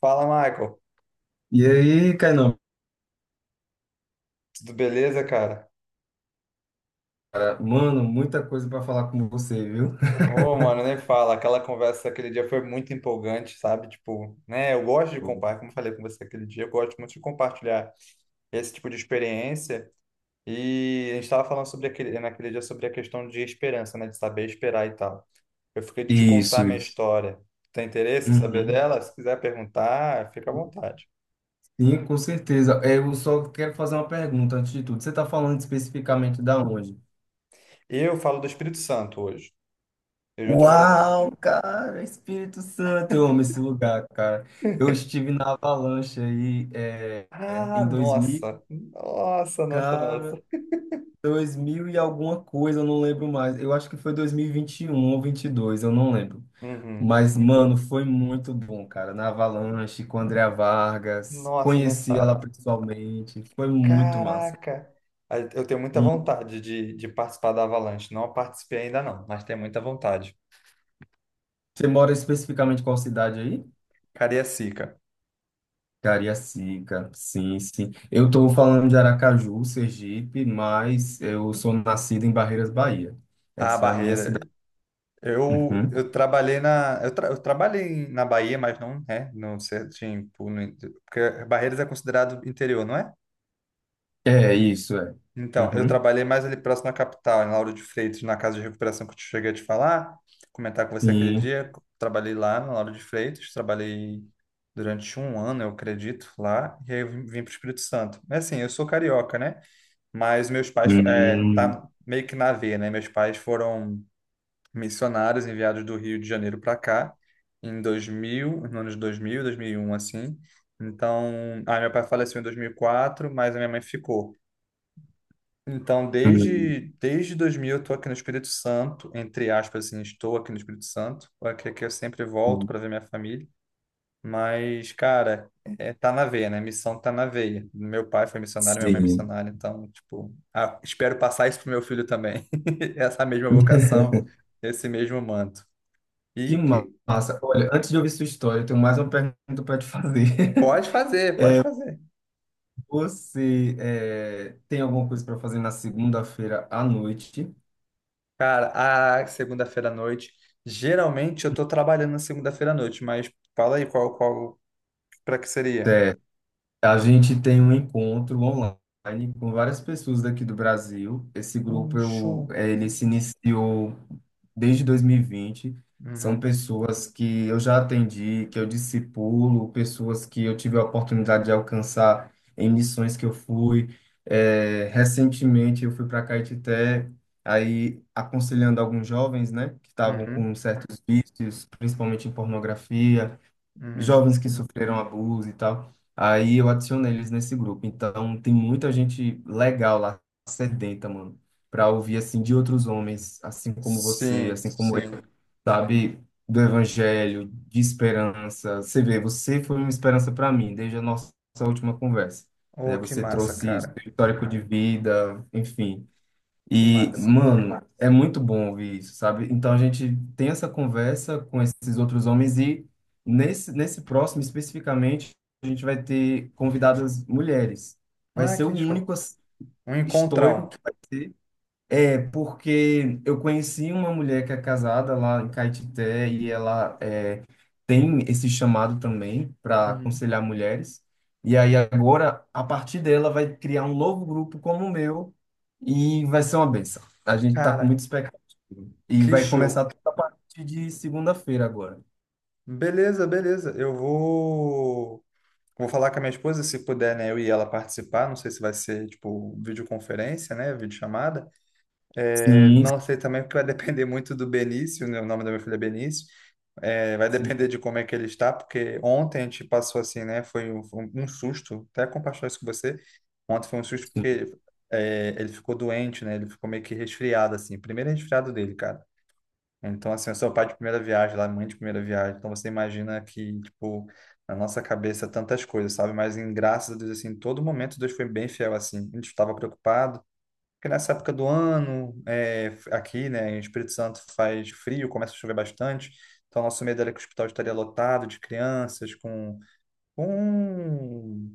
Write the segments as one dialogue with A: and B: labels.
A: Fala, Michael.
B: E aí, Kainan,
A: Tudo beleza, cara?
B: cara, mano, muita coisa para falar com você, viu?
A: Ô, mano, nem fala. Aquela conversa aquele dia foi muito empolgante, sabe? Tipo, né? Eu gosto de
B: Pô.
A: compartilhar, como eu falei com você aquele dia, eu gosto muito de compartilhar esse tipo de experiência. E a gente estava falando sobre naquele dia sobre a questão de esperança, né? De saber esperar e tal. Eu fiquei de te contar a
B: Isso,
A: minha
B: isso.
A: história. Tem interesse em saber
B: Uhum.
A: dela? Se quiser perguntar, fica à vontade.
B: Sim, com certeza. Eu só quero fazer uma pergunta antes de tudo. Você está falando especificamente da onde?
A: Eu falo do Espírito Santo hoje. Eu já estou morando no
B: Uau,
A: Espírito.
B: cara, Espírito Santo, eu amo esse lugar, cara. Eu estive na Avalanche aí
A: Ah,
B: em 2000,
A: nossa! Nossa, nossa,
B: cara,
A: nossa.
B: 2000 e alguma coisa, eu não lembro mais. Eu acho que foi 2021 ou 22, eu não lembro.
A: Uhum.
B: Mas, mano, foi muito bom, cara. Na Avalanche, com a Andrea Vargas,
A: Nossa, nem
B: conheci ela
A: fala.
B: pessoalmente, foi muito massa.
A: Caraca! Eu tenho muita
B: Muito.
A: vontade de participar da Avalanche. Não participei ainda não, mas tenho muita vontade.
B: Você mora especificamente em qual cidade aí?
A: Cariacica,
B: Cariacica, sim, sim. Eu tô falando de Aracaju, Sergipe, mas eu sou nascido em Barreiras, Bahia.
A: a
B: Essa é a minha cidade.
A: barreira. Eu,
B: Uhum.
A: eu trabalhei na eu, tra- eu trabalhei na Bahia, mas não é, não sei, tipo, no, porque Barreiras é considerado interior, não é?
B: É, isso é.
A: Então, eu
B: Uhum.
A: trabalhei mais ali próximo à capital, em Lauro de Freitas, na casa de recuperação que eu te cheguei a te falar, comentar com você aquele
B: Sim.
A: dia. Trabalhei lá na Lauro de Freitas, trabalhei durante um ano, eu acredito, lá, e aí eu vim para o Espírito Santo. Mas assim, eu sou carioca, né? Mas meus pais, é,
B: Hum,
A: tá meio que na veia, né? Meus pais foram missionários enviados do Rio de Janeiro para cá, em 2000, nos anos 2000, 2001, assim. Então, meu pai faleceu em 2004, mas a minha mãe ficou. Então,
B: hum,
A: desde 2000 eu estou aqui no Espírito Santo, entre aspas, assim, estou aqui no Espírito Santo, aqui que eu sempre volto
B: hum.
A: para ver minha família. Mas, cara, é, tá na veia, né? Missão tá na veia. Meu pai foi missionário, minha mãe é
B: Sim.
A: missionária, então, tipo, espero passar isso pro meu filho também. Essa mesma vocação, esse mesmo manto.
B: Que
A: E que
B: massa. Olha, antes de ouvir sua história, eu tenho mais uma pergunta para te fazer.
A: pode fazer, pode
B: É,
A: fazer.
B: você tem alguma coisa para fazer na segunda-feira à noite?
A: Cara, a segunda-feira à noite, geralmente eu tô trabalhando na segunda-feira à noite, mas fala aí qual, para que seria?
B: É, A gente tem um encontro online com várias pessoas daqui do Brasil. Esse grupo
A: Um show.
B: ele se iniciou desde 2020. São
A: Uhum,
B: pessoas que eu já atendi, que eu discipulo, pessoas que eu tive a oportunidade de alcançar em missões que eu fui. Recentemente eu fui para Caetité, aí aconselhando alguns jovens, né, que estavam
A: uhum,
B: com certos vícios, principalmente em pornografia,
A: uhum.
B: jovens que sofreram abuso e tal. Aí eu adicionei eles nesse grupo. Então tem muita gente legal lá, sedenta, mano, pra ouvir assim de outros homens, assim como você,
A: Sim,
B: assim como eu,
A: sim.
B: sabe? Do evangelho, de esperança. Você vê, você foi uma esperança pra mim desde a nossa última conversa, né?
A: Oh, que
B: Você
A: massa,
B: trouxe seu
A: cara.
B: histórico de vida, enfim.
A: Que
B: E,
A: massa.
B: mano, é muito bom ouvir isso, sabe? Então a gente tem essa conversa com esses outros homens e nesse, próximo especificamente a gente vai ter convidadas mulheres. Vai
A: Ah,
B: ser o
A: que
B: único
A: show.
B: assim,
A: Um
B: histórico
A: encontrão.
B: que vai ter. É, porque eu conheci uma mulher que é casada lá em Caetité e ela é, tem esse chamado também para
A: Uhum.
B: aconselhar mulheres. E aí agora, a partir dela, vai criar um novo grupo como o meu e vai ser uma benção. A gente está com
A: Cara,
B: muita expectativa. E
A: que
B: vai começar
A: show.
B: tudo a partir de segunda-feira agora.
A: Beleza, beleza. Eu vou. Vou falar com a minha esposa, se puder, né? Eu e ela participar. Não sei se vai ser, tipo, videoconferência, né? Videochamada. É,
B: Sim,
A: não sei também, porque vai depender muito do Benício, né? O nome da minha filha é Benício. É, vai
B: sim,
A: depender de como é que ele está, porque ontem a gente passou assim, né? Foi um susto, até compartilhar isso com você. Ontem foi um susto porque ele ficou doente, né? Ele ficou meio que resfriado, assim. Primeiro resfriado dele, cara. Então, assim, eu sou pai de primeira viagem, lá, mãe de primeira viagem. Então, você imagina que, tipo, na nossa cabeça tantas coisas, sabe? Mas, em graças a Deus, assim, em todo momento, Deus foi bem fiel, assim. A gente estava preocupado porque nessa época do ano, aqui, né, em Espírito Santo faz frio, começa a chover bastante. Então, nosso medo era que o hospital estaria lotado de crianças com,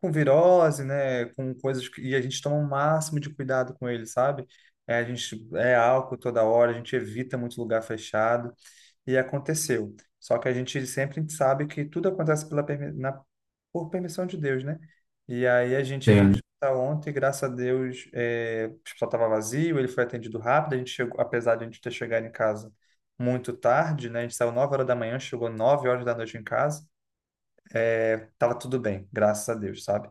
A: com virose, né, com coisas e a gente toma o máximo de cuidado com eles, sabe? É, a gente é álcool toda hora, a gente evita muito lugar fechado e aconteceu. Só que a gente sempre sabe que tudo acontece por permissão de Deus, né? E aí a gente foi pro
B: sim.
A: hospital ontem, graças a Deus, o hospital estava vazio, ele foi atendido rápido, a gente chegou, apesar de a gente ter chegado em casa muito tarde, né? A gente saiu 9 horas da manhã, chegou 9 horas da noite em casa, tava tudo bem, graças a Deus, sabe?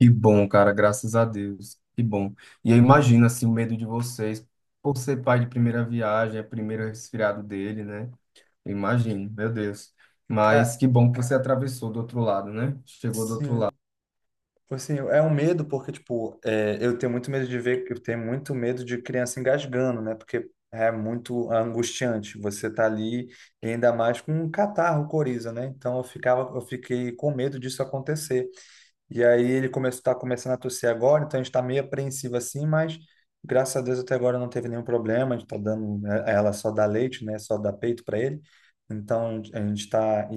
B: Que bom, cara, graças a Deus. Que bom. E eu imagino assim o medo de vocês por ser pai de primeira viagem, é o primeiro resfriado dele, né? Eu imagino, meu Deus. Mas
A: Cara,
B: que bom que você atravessou do outro lado, né? Chegou do outro
A: sim.
B: lado.
A: Tipo assim, é um medo porque, tipo, eu tenho muito medo de criança engasgando, né? Porque é muito angustiante. Você tá ali, e ainda mais com um catarro, um coriza, né? Então eu ficava, eu fiquei com medo disso acontecer. E aí ele começou, tá começando a tossir agora, então a gente tá meio apreensivo assim, mas graças a Deus até agora não teve nenhum problema. A gente tá dando, né, ela só dá leite, né? Só dá peito para ele. Então a gente tá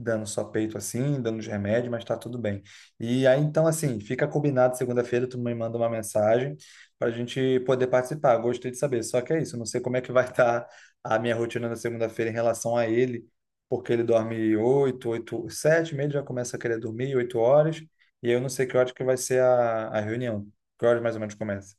A: dando só peito assim, dando os remédios, mas tá tudo bem. E aí, então, assim, fica combinado segunda-feira, tu me manda uma mensagem para a gente poder participar. Gostei de saber. Só que é isso, não sei como é que vai estar a minha rotina na segunda-feira em relação a ele, porque ele dorme oito, oito, sete, meio, ele já começa a querer dormir, 8 horas, e eu não sei que hora que vai ser a reunião. Que horas mais ou menos começa?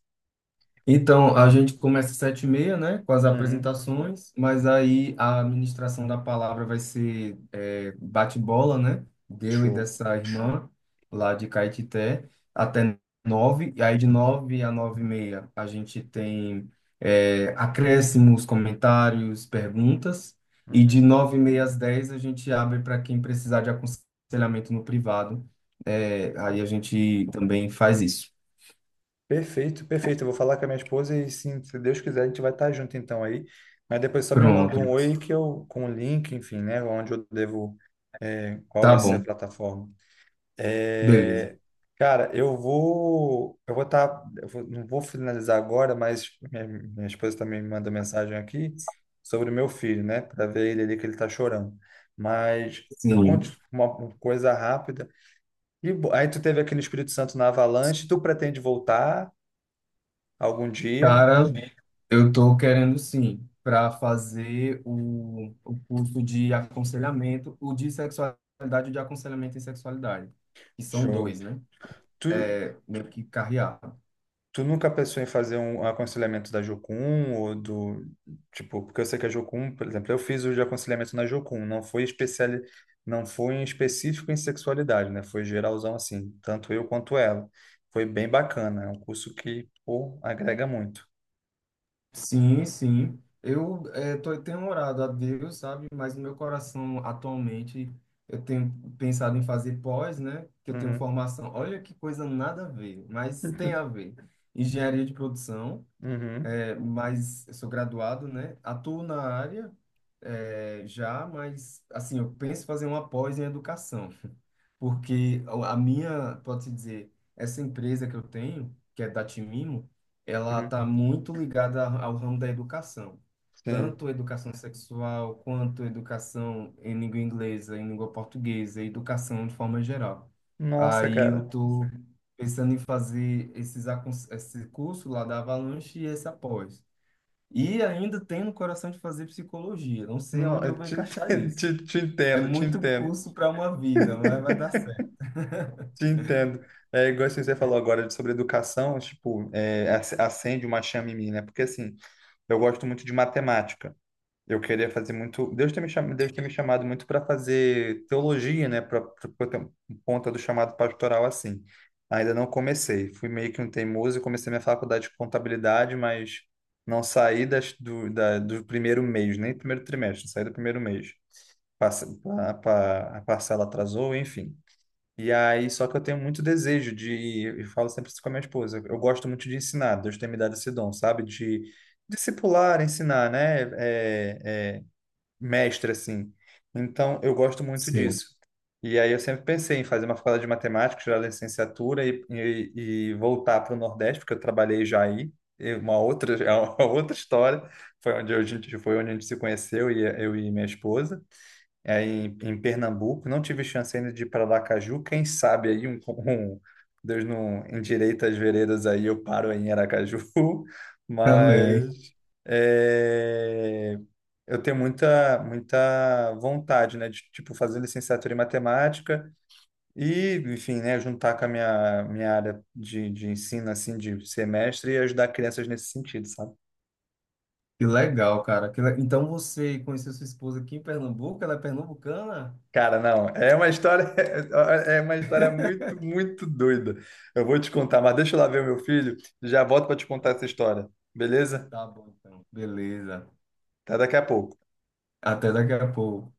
B: Então, a gente começa às 7:30, né, com as
A: Uhum,
B: apresentações, mas aí a administração da palavra vai ser bate-bola, né, deu e
A: show.
B: dessa irmã lá de Caetité, até 9:00, e aí de 9:00 a 9:30 a gente tem é, acréscimos, comentários, perguntas, e de
A: Uhum.
B: 9:30 às 10:00 a gente abre para quem precisar de aconselhamento no privado, é, aí a gente também faz isso.
A: Perfeito, perfeito. Eu vou falar com a minha esposa e sim, se Deus quiser, a gente vai estar junto então aí. Mas depois só me manda
B: Pronto,
A: um oi que eu, com o link, enfim, né? Onde eu devo, é, qual
B: tá
A: vai ser a
B: bom.
A: plataforma.
B: Beleza.
A: É, cara, eu vou estar, eu vou- não vou finalizar agora, mas minha esposa também me mandou mensagem aqui sobre o meu filho, né? Para ver ele ali que ele tá chorando. Mas
B: Sim.
A: conte uma coisa rápida. Aí tu teve aqui no Espírito Santo na Avalanche, tu pretende voltar? Algum dia,
B: Cara, eu tô querendo sim, para fazer o curso de aconselhamento, o de sexualidade e o de aconselhamento em sexualidade, que são dois,
A: show.
B: né?
A: Tu,
B: É, meio que carrear.
A: tu nunca pensou em fazer um aconselhamento da Jocum ou do, tipo, porque eu sei que a Jocum, por exemplo, eu fiz o de aconselhamento na Jocum, não foi especial, não foi em específico em sexualidade, né? Foi geralzão assim, tanto eu quanto ela. Foi bem bacana, é um curso que, pô, agrega muito.
B: Sim, sim. Eu tenho orado a Deus, sabe? Mas no meu coração, atualmente, eu tenho pensado em fazer pós, né? Que eu tenho
A: Uhum.
B: formação. Olha que coisa nada a ver, mas tem a ver. Engenharia de produção.
A: Uhum,
B: É, mas eu sou graduado, né? Atuo na área, é, já, mas assim, eu penso em fazer uma pós em educação porque a minha, pode-se dizer, essa empresa que eu tenho, que é da Timimo, ela
A: uhum.
B: está muito ligada ao ramo da educação,
A: Sim.
B: tanto educação sexual quanto educação em língua inglesa, em língua portuguesa, educação de forma geral.
A: Nossa,
B: Aí eu
A: cara.
B: tô pensando em fazer esse curso lá da Avalanche e esse após. E ainda tenho no coração de fazer psicologia, não sei
A: No-
B: aonde
A: eu
B: eu vou
A: te,
B: encaixar
A: te,
B: isso.
A: te
B: É
A: entendo, te
B: muito
A: entendo.
B: curso para uma vida, mas vai dar.
A: Te entendo. É igual assim, você falou agora sobre educação, tipo, acende uma chama em mim, né? Porque assim, eu gosto muito de matemática. Eu queria fazer muito. Deus tem me chamado, Deus tem me chamado muito para fazer teologia, né? Para conta do chamado pastoral assim. Ainda não comecei. Fui meio que um teimoso e comecei minha faculdade de contabilidade, mas não saí do primeiro mês, nem primeiro trimestre, saí do primeiro mês. Passa- a parcela atrasou, enfim. E aí, só que eu tenho muito desejo de, eu falo sempre isso com a minha esposa, eu gosto muito de ensinar, Deus tem me dado esse dom, sabe? De discipular, ensinar, né? É, mestre, assim. Então, eu gosto muito
B: Sim,
A: disso. E aí, eu sempre pensei em fazer uma faculdade de matemática, tirar a licenciatura e voltar para o Nordeste, porque eu trabalhei já aí, é uma outra, é uma outra história, foi onde a gente, foi onde a gente se conheceu, e eu e minha esposa em Pernambuco. Não tive chance ainda de ir para Aracaju. Quem sabe aí um, um- Deus não endireita as veredas aí, eu paro aí em Aracaju.
B: também.
A: Mas é, eu tenho muita muita vontade, né, de tipo fazer licenciatura em matemática e, enfim, né, juntar com a minha área de ensino assim de semestre e ajudar crianças nesse sentido, sabe?
B: Que legal, cara. Então você conheceu sua esposa aqui em Pernambuco? Ela é pernambucana?
A: Cara, não, é uma história, é uma história muito, muito doida. Eu vou te contar, mas deixa eu lá ver o meu filho, já volto para te contar essa história, beleza?
B: Tá bom, então. Beleza.
A: Até daqui a pouco.
B: Até daqui a pouco.